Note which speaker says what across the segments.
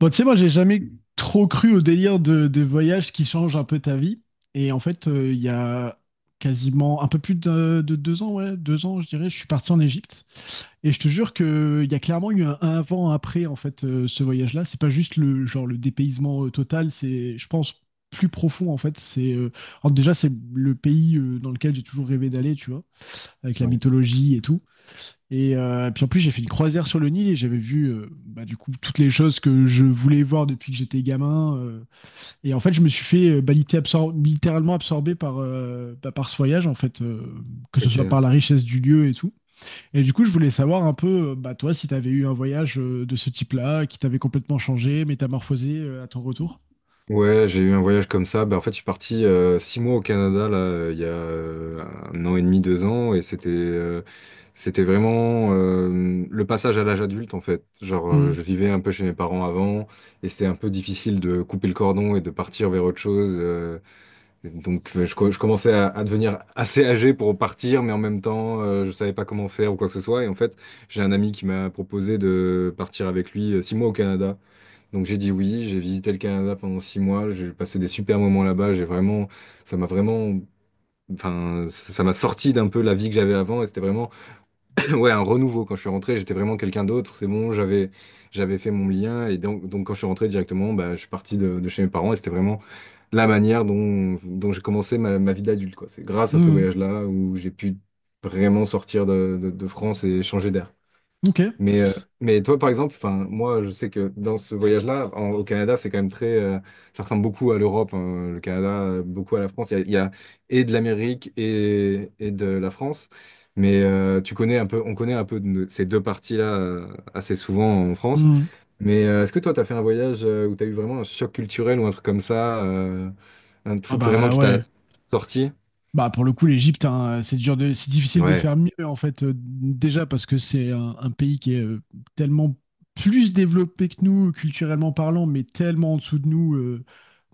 Speaker 1: Bon, tu sais, moi, j'ai jamais trop cru au délire de voyage qui change un peu ta vie. Et en fait, il y a quasiment un peu plus de 2 ans, ouais, 2 ans, je dirais, je suis parti en Égypte. Et je te jure que il y a clairement eu un avant, un après, en fait, ce voyage-là. C'est pas juste le genre le dépaysement total, c'est, je pense, plus profond, en fait. Alors déjà, c'est le pays dans lequel j'ai toujours rêvé d'aller, tu vois, avec la
Speaker 2: Ouais.
Speaker 1: mythologie et tout. Et puis en plus, j'ai fait une croisière sur le Nil et j'avais vu bah, du coup toutes les choses que je voulais voir depuis que j'étais gamin. Et en fait, je me suis fait bah, littéralement absorbé par ce voyage, en fait, que ce soit
Speaker 2: Ok.
Speaker 1: par la richesse du lieu et tout. Et du coup, je voulais savoir un peu, bah, toi, si tu avais eu un voyage de ce type-là, qui t'avait complètement changé, métamorphosé à ton retour.
Speaker 2: Ouais, j'ai eu un voyage comme ça. Bah, en fait, je suis parti 6 mois au Canada là, il y a 1 an et demi, 2 ans, et c'était vraiment le passage à l'âge adulte en fait. Genre,
Speaker 1: Hmm.
Speaker 2: je vivais un peu chez mes parents avant, et c'était un peu difficile de couper le cordon et de partir vers autre chose. Et donc, je commençais à devenir assez âgé pour partir, mais en même temps, je savais pas comment faire ou quoi que ce soit. Et en fait, j'ai un ami qui m'a proposé de partir avec lui 6 mois au Canada. Donc j'ai dit oui, j'ai visité le Canada pendant 6 mois, j'ai passé des super moments là-bas, j'ai vraiment, ça m'a vraiment, enfin, ça m'a sorti d'un peu la vie que j'avais avant et c'était vraiment, ouais, un renouveau. Quand je suis rentré, j'étais vraiment quelqu'un d'autre, c'est bon, j'avais fait mon lien et donc, quand je suis rentré directement, bah, je suis parti de chez mes parents et c'était vraiment la manière dont j'ai commencé ma vie d'adulte, quoi. C'est grâce à ce
Speaker 1: Hmm.
Speaker 2: voyage-là où j'ai pu vraiment sortir de France et changer d'air.
Speaker 1: Ok.
Speaker 2: Mais, euh, mais toi, par exemple, enfin, moi, je sais que dans ce voyage-là, au Canada, c'est quand même très, ça ressemble beaucoup à l'Europe, hein, le Canada, beaucoup à la France. Il y a et de l'Amérique et de la France. Mais tu connais un peu, on connaît un peu ces deux parties-là assez souvent en France.
Speaker 1: Hmm.
Speaker 2: Mais est-ce que toi, tu as fait un voyage où tu as eu vraiment un choc culturel ou un truc comme ça, un
Speaker 1: Ah
Speaker 2: truc vraiment
Speaker 1: bah
Speaker 2: qui t'a
Speaker 1: ouais.
Speaker 2: sorti?
Speaker 1: Bah pour le coup, l'Égypte, hein, c'est difficile de
Speaker 2: Ouais.
Speaker 1: faire mieux en fait. Déjà parce que c'est un pays qui est tellement plus développé que nous culturellement parlant, mais tellement en dessous de nous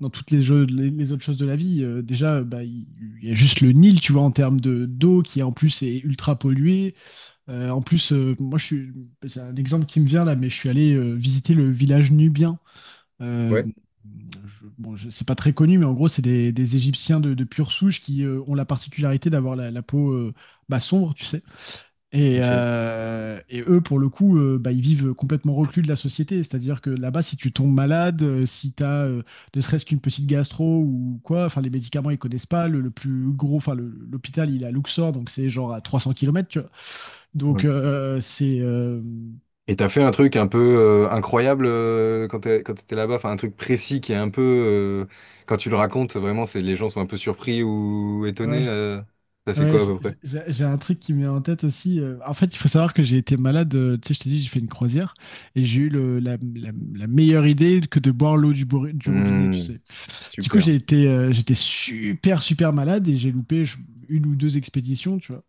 Speaker 1: dans toutes les autres choses de la vie. Déjà, bah, il y a juste le Nil, tu vois, en termes de d'eau qui en plus est ultra polluée. En plus, c'est un exemple qui me vient là, mais je suis allé visiter le village nubien. Euh,
Speaker 2: Ouais.
Speaker 1: c'est pas très connu, mais en gros, c'est des Égyptiens de pure souche qui ont la particularité d'avoir la peau bah, sombre, tu sais. Et,
Speaker 2: Ok.
Speaker 1: euh, et eux, pour le coup, bah, ils vivent complètement reclus de la société. C'est-à-dire que là-bas, si tu tombes malade, si tu as ne serait-ce qu'une petite gastro ou quoi, enfin, les médicaments, ils connaissent pas. Le plus gros, enfin, l'hôpital, il est à Luxor, donc c'est genre à 300 kilomètres, tu vois. Donc,
Speaker 2: Ouais.
Speaker 1: euh, c'est.
Speaker 2: Et t'as fait un truc un peu incroyable quand t'étais là-bas, enfin un truc précis qui est un peu, quand tu le racontes, vraiment, c'est les gens sont un peu surpris ou étonnés.
Speaker 1: Ouais,
Speaker 2: T'as fait
Speaker 1: ouais,
Speaker 2: quoi à
Speaker 1: j'ai
Speaker 2: peu près?
Speaker 1: j'ai- j'ai un truc qui me vient en tête aussi. En fait, il faut savoir que j'ai été malade. Tu sais, je t'ai dit, j'ai fait une croisière et j'ai eu la meilleure idée que de boire l'eau du robinet, tu
Speaker 2: Hmm,
Speaker 1: sais. Du coup,
Speaker 2: super.
Speaker 1: j'étais super, super malade et j'ai loupé une ou deux expéditions, tu vois.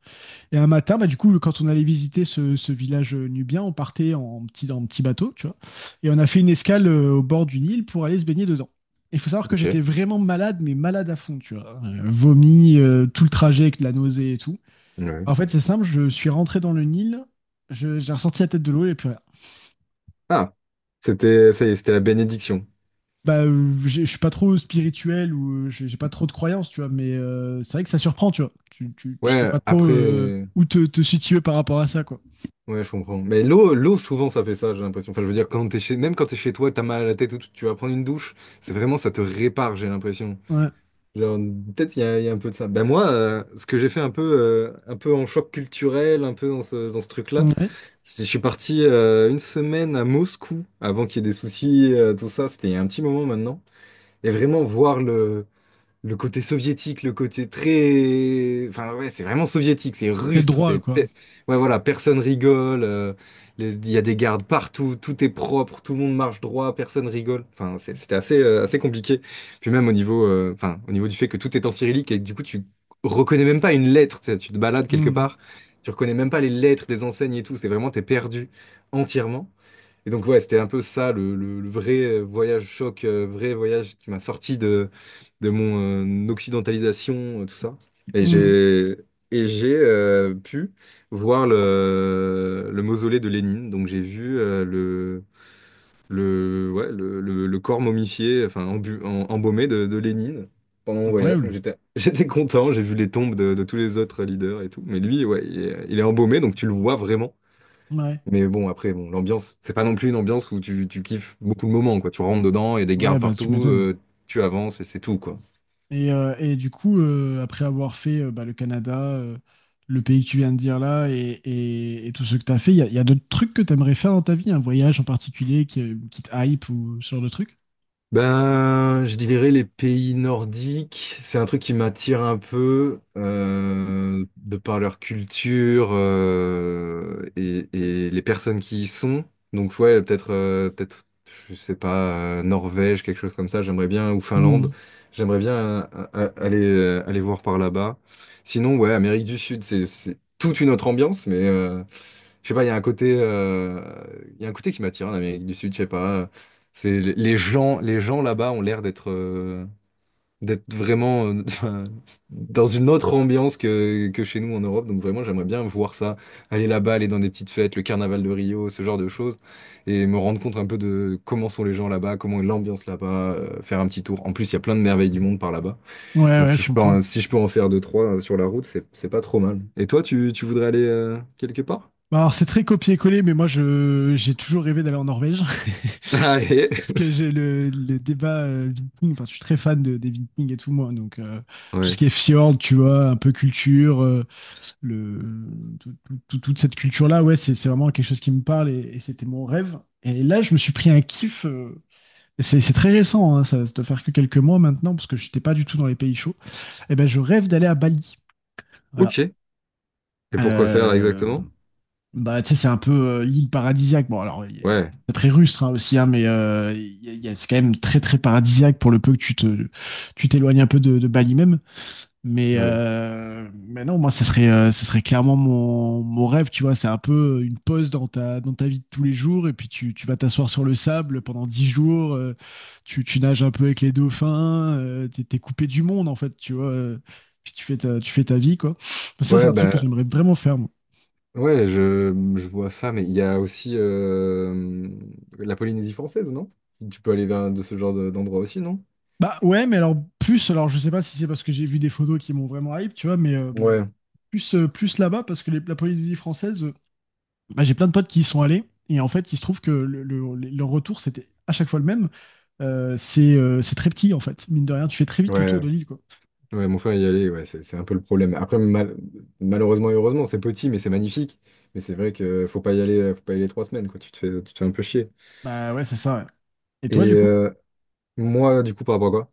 Speaker 1: Et un matin, bah, du coup, quand on allait visiter ce village nubien, on partait en petit bateau, tu vois. Et on a fait une escale au bord d'une île pour aller se baigner dedans. Il faut savoir que j'étais
Speaker 2: Ok.
Speaker 1: vraiment malade, mais malade à fond, tu vois. Vomi, tout le trajet avec de la nausée et tout.
Speaker 2: Ouais.
Speaker 1: En fait, c'est simple, je suis rentré dans le Nil, j'ai ressorti la tête de l'eau et plus rien.
Speaker 2: Ah, c'était, ça y est, c'était la bénédiction.
Speaker 1: Bah, je suis pas trop spirituel ou j'ai pas trop de croyances, tu vois, mais c'est vrai que ça surprend, tu vois. Tu sais
Speaker 2: Ouais,
Speaker 1: pas trop
Speaker 2: après,
Speaker 1: où te situer par rapport à ça, quoi.
Speaker 2: ouais, je comprends. Mais l'eau, souvent, ça fait ça, j'ai l'impression. Enfin, je veux dire, quand t'es chez, même quand t'es chez toi, t'as mal à la tête ou tout, tu vas prendre une douche, c'est vraiment, ça te répare, j'ai l'impression.
Speaker 1: Ouais.
Speaker 2: Genre, peut-être il y a un peu de ça. Ben moi, ce que j'ai fait un peu en choc culturel, un peu dans ce truc-là,
Speaker 1: Ouais.
Speaker 2: c'est je suis parti 1 semaine à Moscou avant qu'il y ait des soucis, tout ça. C'était il y a un petit moment maintenant. Et vraiment voir le côté soviétique, le côté très… Enfin, ouais, c'est vraiment soviétique, c'est
Speaker 1: Très
Speaker 2: rustre,
Speaker 1: droit,
Speaker 2: c'est…
Speaker 1: quoi.
Speaker 2: Ouais, voilà, personne rigole, il y a des gardes partout, tout est propre, tout le monde marche droit, personne rigole. Enfin, c'était assez, assez compliqué. Puis même au niveau, enfin, au niveau du fait que tout est en cyrillique et que du coup, tu reconnais même pas une lettre, tu sais, tu te balades quelque
Speaker 1: Mmh.
Speaker 2: part, tu reconnais même pas les lettres des enseignes et tout, c'est vraiment, t'es perdu entièrement. Et donc, ouais, c'était un peu ça, le vrai voyage choc, vrai voyage qui m'a sorti de mon occidentalisation, tout ça. Et
Speaker 1: Mmh.
Speaker 2: j'ai et j'ai pu voir le mausolée de Lénine. Donc, j'ai vu ouais, le corps momifié, enfin, embaumé de Lénine pendant mon voyage. Donc,
Speaker 1: Incroyable.
Speaker 2: j'étais, j'étais content. J'ai vu les tombes de tous les autres leaders et tout. Mais lui, ouais, il est embaumé, donc tu le vois vraiment.
Speaker 1: ouais
Speaker 2: Mais bon, après, bon, l'ambiance, c'est pas non plus une ambiance où tu kiffes beaucoup le moment, quoi. Tu rentres dedans, il y a des
Speaker 1: Ouais,
Speaker 2: gardes
Speaker 1: bah, tu
Speaker 2: partout,
Speaker 1: m'étonnes.
Speaker 2: tu avances et c'est tout, quoi.
Speaker 1: Et du coup, après avoir fait, bah, le Canada, le pays que tu viens de dire là et tout ce que tu as fait, il y a d'autres trucs que tu aimerais faire dans ta vie? Un voyage en particulier qui te hype ou ce genre de truc?
Speaker 2: Ben, je dirais les pays nordiques, c'est un truc qui m'attire un peu de par leur culture et les personnes qui y sont. Donc ouais, peut-être je sais pas Norvège, quelque chose comme ça, j'aimerais bien ou
Speaker 1: Mmh.
Speaker 2: Finlande, j'aimerais bien aller voir par là-bas. Sinon ouais, Amérique du Sud, c'est toute une autre ambiance mais je sais pas, il y a un côté, il y a un côté qui m'attire en Amérique du Sud, je sais pas. C'est les gens là-bas ont l'air d'être d'être vraiment dans une autre ambiance que chez nous en Europe. Donc vraiment, j'aimerais bien voir ça, aller là-bas, aller dans des petites fêtes, le carnaval de Rio, ce genre de choses, et me rendre compte un peu de comment sont les gens là-bas, comment est l'ambiance là-bas, faire un petit tour. En plus, il y a plein de merveilles du monde par là-bas.
Speaker 1: Ouais,
Speaker 2: Donc
Speaker 1: ouais,
Speaker 2: si
Speaker 1: je
Speaker 2: je peux,
Speaker 1: comprends.
Speaker 2: si je peux en faire deux, trois sur la route, c'est pas trop mal. Et toi, tu voudrais aller quelque part?
Speaker 1: Bah, alors c'est très copier-coller, mais moi je j'ai toujours rêvé d'aller en Norvège.
Speaker 2: Allez.
Speaker 1: Parce que j'ai le débat, viking, enfin je suis très fan de des Vikings et tout moi, donc tout ce
Speaker 2: Ouais.
Speaker 1: qui est fjord, tu vois, un peu culture, le, tout- tout- tout- toute cette culture-là, ouais, c'est vraiment quelque chose qui me parle et c'était mon rêve. Et là, je me suis pris un kiff. C'est très récent, hein, ça doit faire que quelques mois maintenant, parce que je n'étais pas du tout dans les pays chauds. Et ben, je rêve d'aller à Bali.
Speaker 2: Ok.
Speaker 1: Voilà.
Speaker 2: Et pourquoi faire
Speaker 1: Euh,
Speaker 2: exactement?
Speaker 1: bah, tu sais, c'est un peu l'île paradisiaque. Bon, alors,
Speaker 2: Ouais.
Speaker 1: c'est très rustre hein, aussi, hein, mais c'est quand même très, très paradisiaque pour le peu que tu t'éloignes un peu de Bali même. Mais,
Speaker 2: Ouais.
Speaker 1: euh, mais non, moi, ce serait clairement mon rêve, tu vois. C'est un peu une pause dans ta vie de tous les jours. Et puis, tu vas t'asseoir sur le sable pendant 10 jours. Tu nages un peu avec les dauphins. T'es coupé du monde, en fait, tu vois. Puis, tu fais ta vie, quoi. Ça, c'est
Speaker 2: Ouais,
Speaker 1: un truc que
Speaker 2: bah,
Speaker 1: j'aimerais vraiment faire, moi.
Speaker 2: ouais, je vois ça, mais il y a aussi la Polynésie française, non? Tu peux aller vers de ce d'endroit aussi, non?
Speaker 1: Bah ouais, mais alors, plus, alors, je sais pas si c'est parce que j'ai vu des photos qui m'ont vraiment hype, tu vois, mais
Speaker 2: Ouais.
Speaker 1: plus là-bas, parce que la Polynésie française. Bah, j'ai plein de potes qui y sont allés. Et en fait, il se trouve que le retour, c'était à chaque fois le même. C'est très petit, en fait. Mine de rien, tu fais très vite le tour
Speaker 2: Ouais.
Speaker 1: de l'île, quoi.
Speaker 2: Ouais, mon frère y allait, ouais, c'est un peu le problème. Après, malheureusement et heureusement, c'est petit, mais c'est magnifique. Mais c'est vrai que faut pas y aller, faut pas y aller 3 semaines, quoi. Tu te fais un peu chier.
Speaker 1: Bah ouais, c'est ça. Ouais. Et
Speaker 2: Et
Speaker 1: toi, du coup?
Speaker 2: moi, du coup, par rapport à quoi?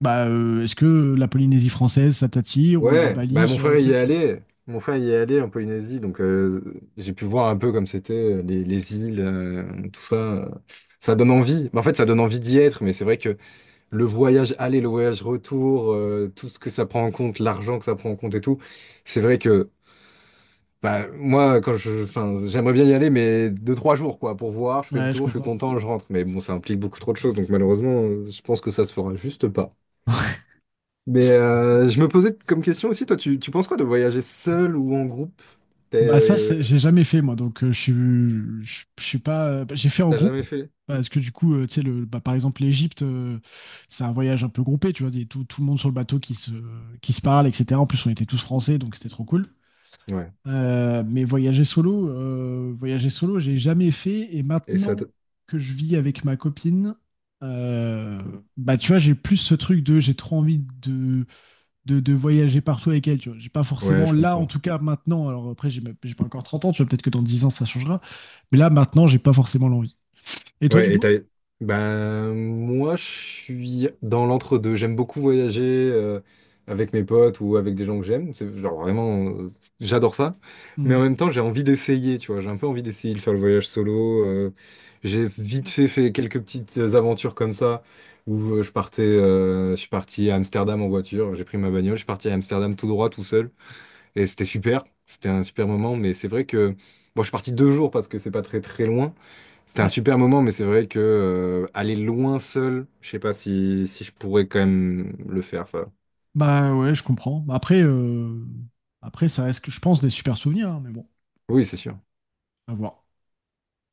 Speaker 1: Bah, est-ce que la Polynésie française, ça t'attire? Ou le
Speaker 2: Ouais, bah
Speaker 1: Bali, ce genre de truc, tu
Speaker 2: mon frère y est allé en Polynésie, donc j'ai pu voir un peu comme c'était les îles, tout ça. Ça donne envie. Mais en fait, ça donne envie d'y être, mais c'est vrai que le voyage aller, le voyage retour, tout ce que ça prend en compte, l'argent que ça prend en compte et tout, c'est vrai que bah, moi, quand je, enfin, j'aimerais bien y aller, mais deux, trois jours quoi, pour voir, je
Speaker 1: vois?
Speaker 2: fais le
Speaker 1: Ouais, je
Speaker 2: tour, je suis
Speaker 1: comprends.
Speaker 2: content, je rentre. Mais bon, ça implique beaucoup trop de choses, donc malheureusement, je pense que ça se fera juste pas. Mais je me posais comme question aussi, toi, tu penses quoi de voyager seul ou en groupe? T'es-
Speaker 1: Bah ça,
Speaker 2: euh,
Speaker 1: j'ai jamais fait moi, donc je suis pas. Bah, j'ai fait en
Speaker 2: T'as
Speaker 1: groupe
Speaker 2: jamais fait?
Speaker 1: parce que du coup, tu sais, bah, par exemple l'Égypte, c'est un voyage un peu groupé, tu vois, tout le monde sur le bateau qui se parle, etc. En plus, on était tous français, donc c'était trop cool.
Speaker 2: Ouais.
Speaker 1: Mais voyager solo, j'ai jamais fait. Et
Speaker 2: Et ça te-
Speaker 1: maintenant que je vis avec ma copine, euh, bah tu vois, j'ai plus ce truc de j'ai trop envie de voyager partout avec elle. Tu vois, j'ai pas
Speaker 2: Ouais,
Speaker 1: forcément
Speaker 2: je
Speaker 1: là, en
Speaker 2: comprends.
Speaker 1: tout cas maintenant. Alors après, j'ai pas encore 30 ans. Tu vois, peut-être que dans 10 ans ça changera. Mais là, maintenant, j'ai pas forcément l'envie. Et toi, du
Speaker 2: Ouais, et
Speaker 1: coup?
Speaker 2: t'as… Ben, moi, je suis dans l'entre-deux. J'aime beaucoup voyager euh, avec mes potes ou avec des gens que j'aime. C'est genre vraiment, j'adore ça. Mais
Speaker 1: Hmm.
Speaker 2: en même temps, j'ai envie d'essayer, tu vois. J'ai un peu envie d'essayer de faire le voyage solo. J'ai vite fait fait quelques petites aventures comme ça où je partais, je suis parti à Amsterdam en voiture. J'ai pris ma bagnole, je suis parti à Amsterdam tout droit, tout seul. Et c'était super. C'était un super moment. Mais c'est vrai que, bon, je suis parti 2 jours parce que c'est pas très très loin. C'était un
Speaker 1: Ouais.
Speaker 2: super moment, mais c'est vrai que aller loin seul, je sais pas si, si je pourrais quand même le faire, ça.
Speaker 1: Bah ouais, je comprends. Après, ça reste, je pense, des super souvenirs, hein, mais bon,
Speaker 2: Oui, c'est sûr.
Speaker 1: à voir.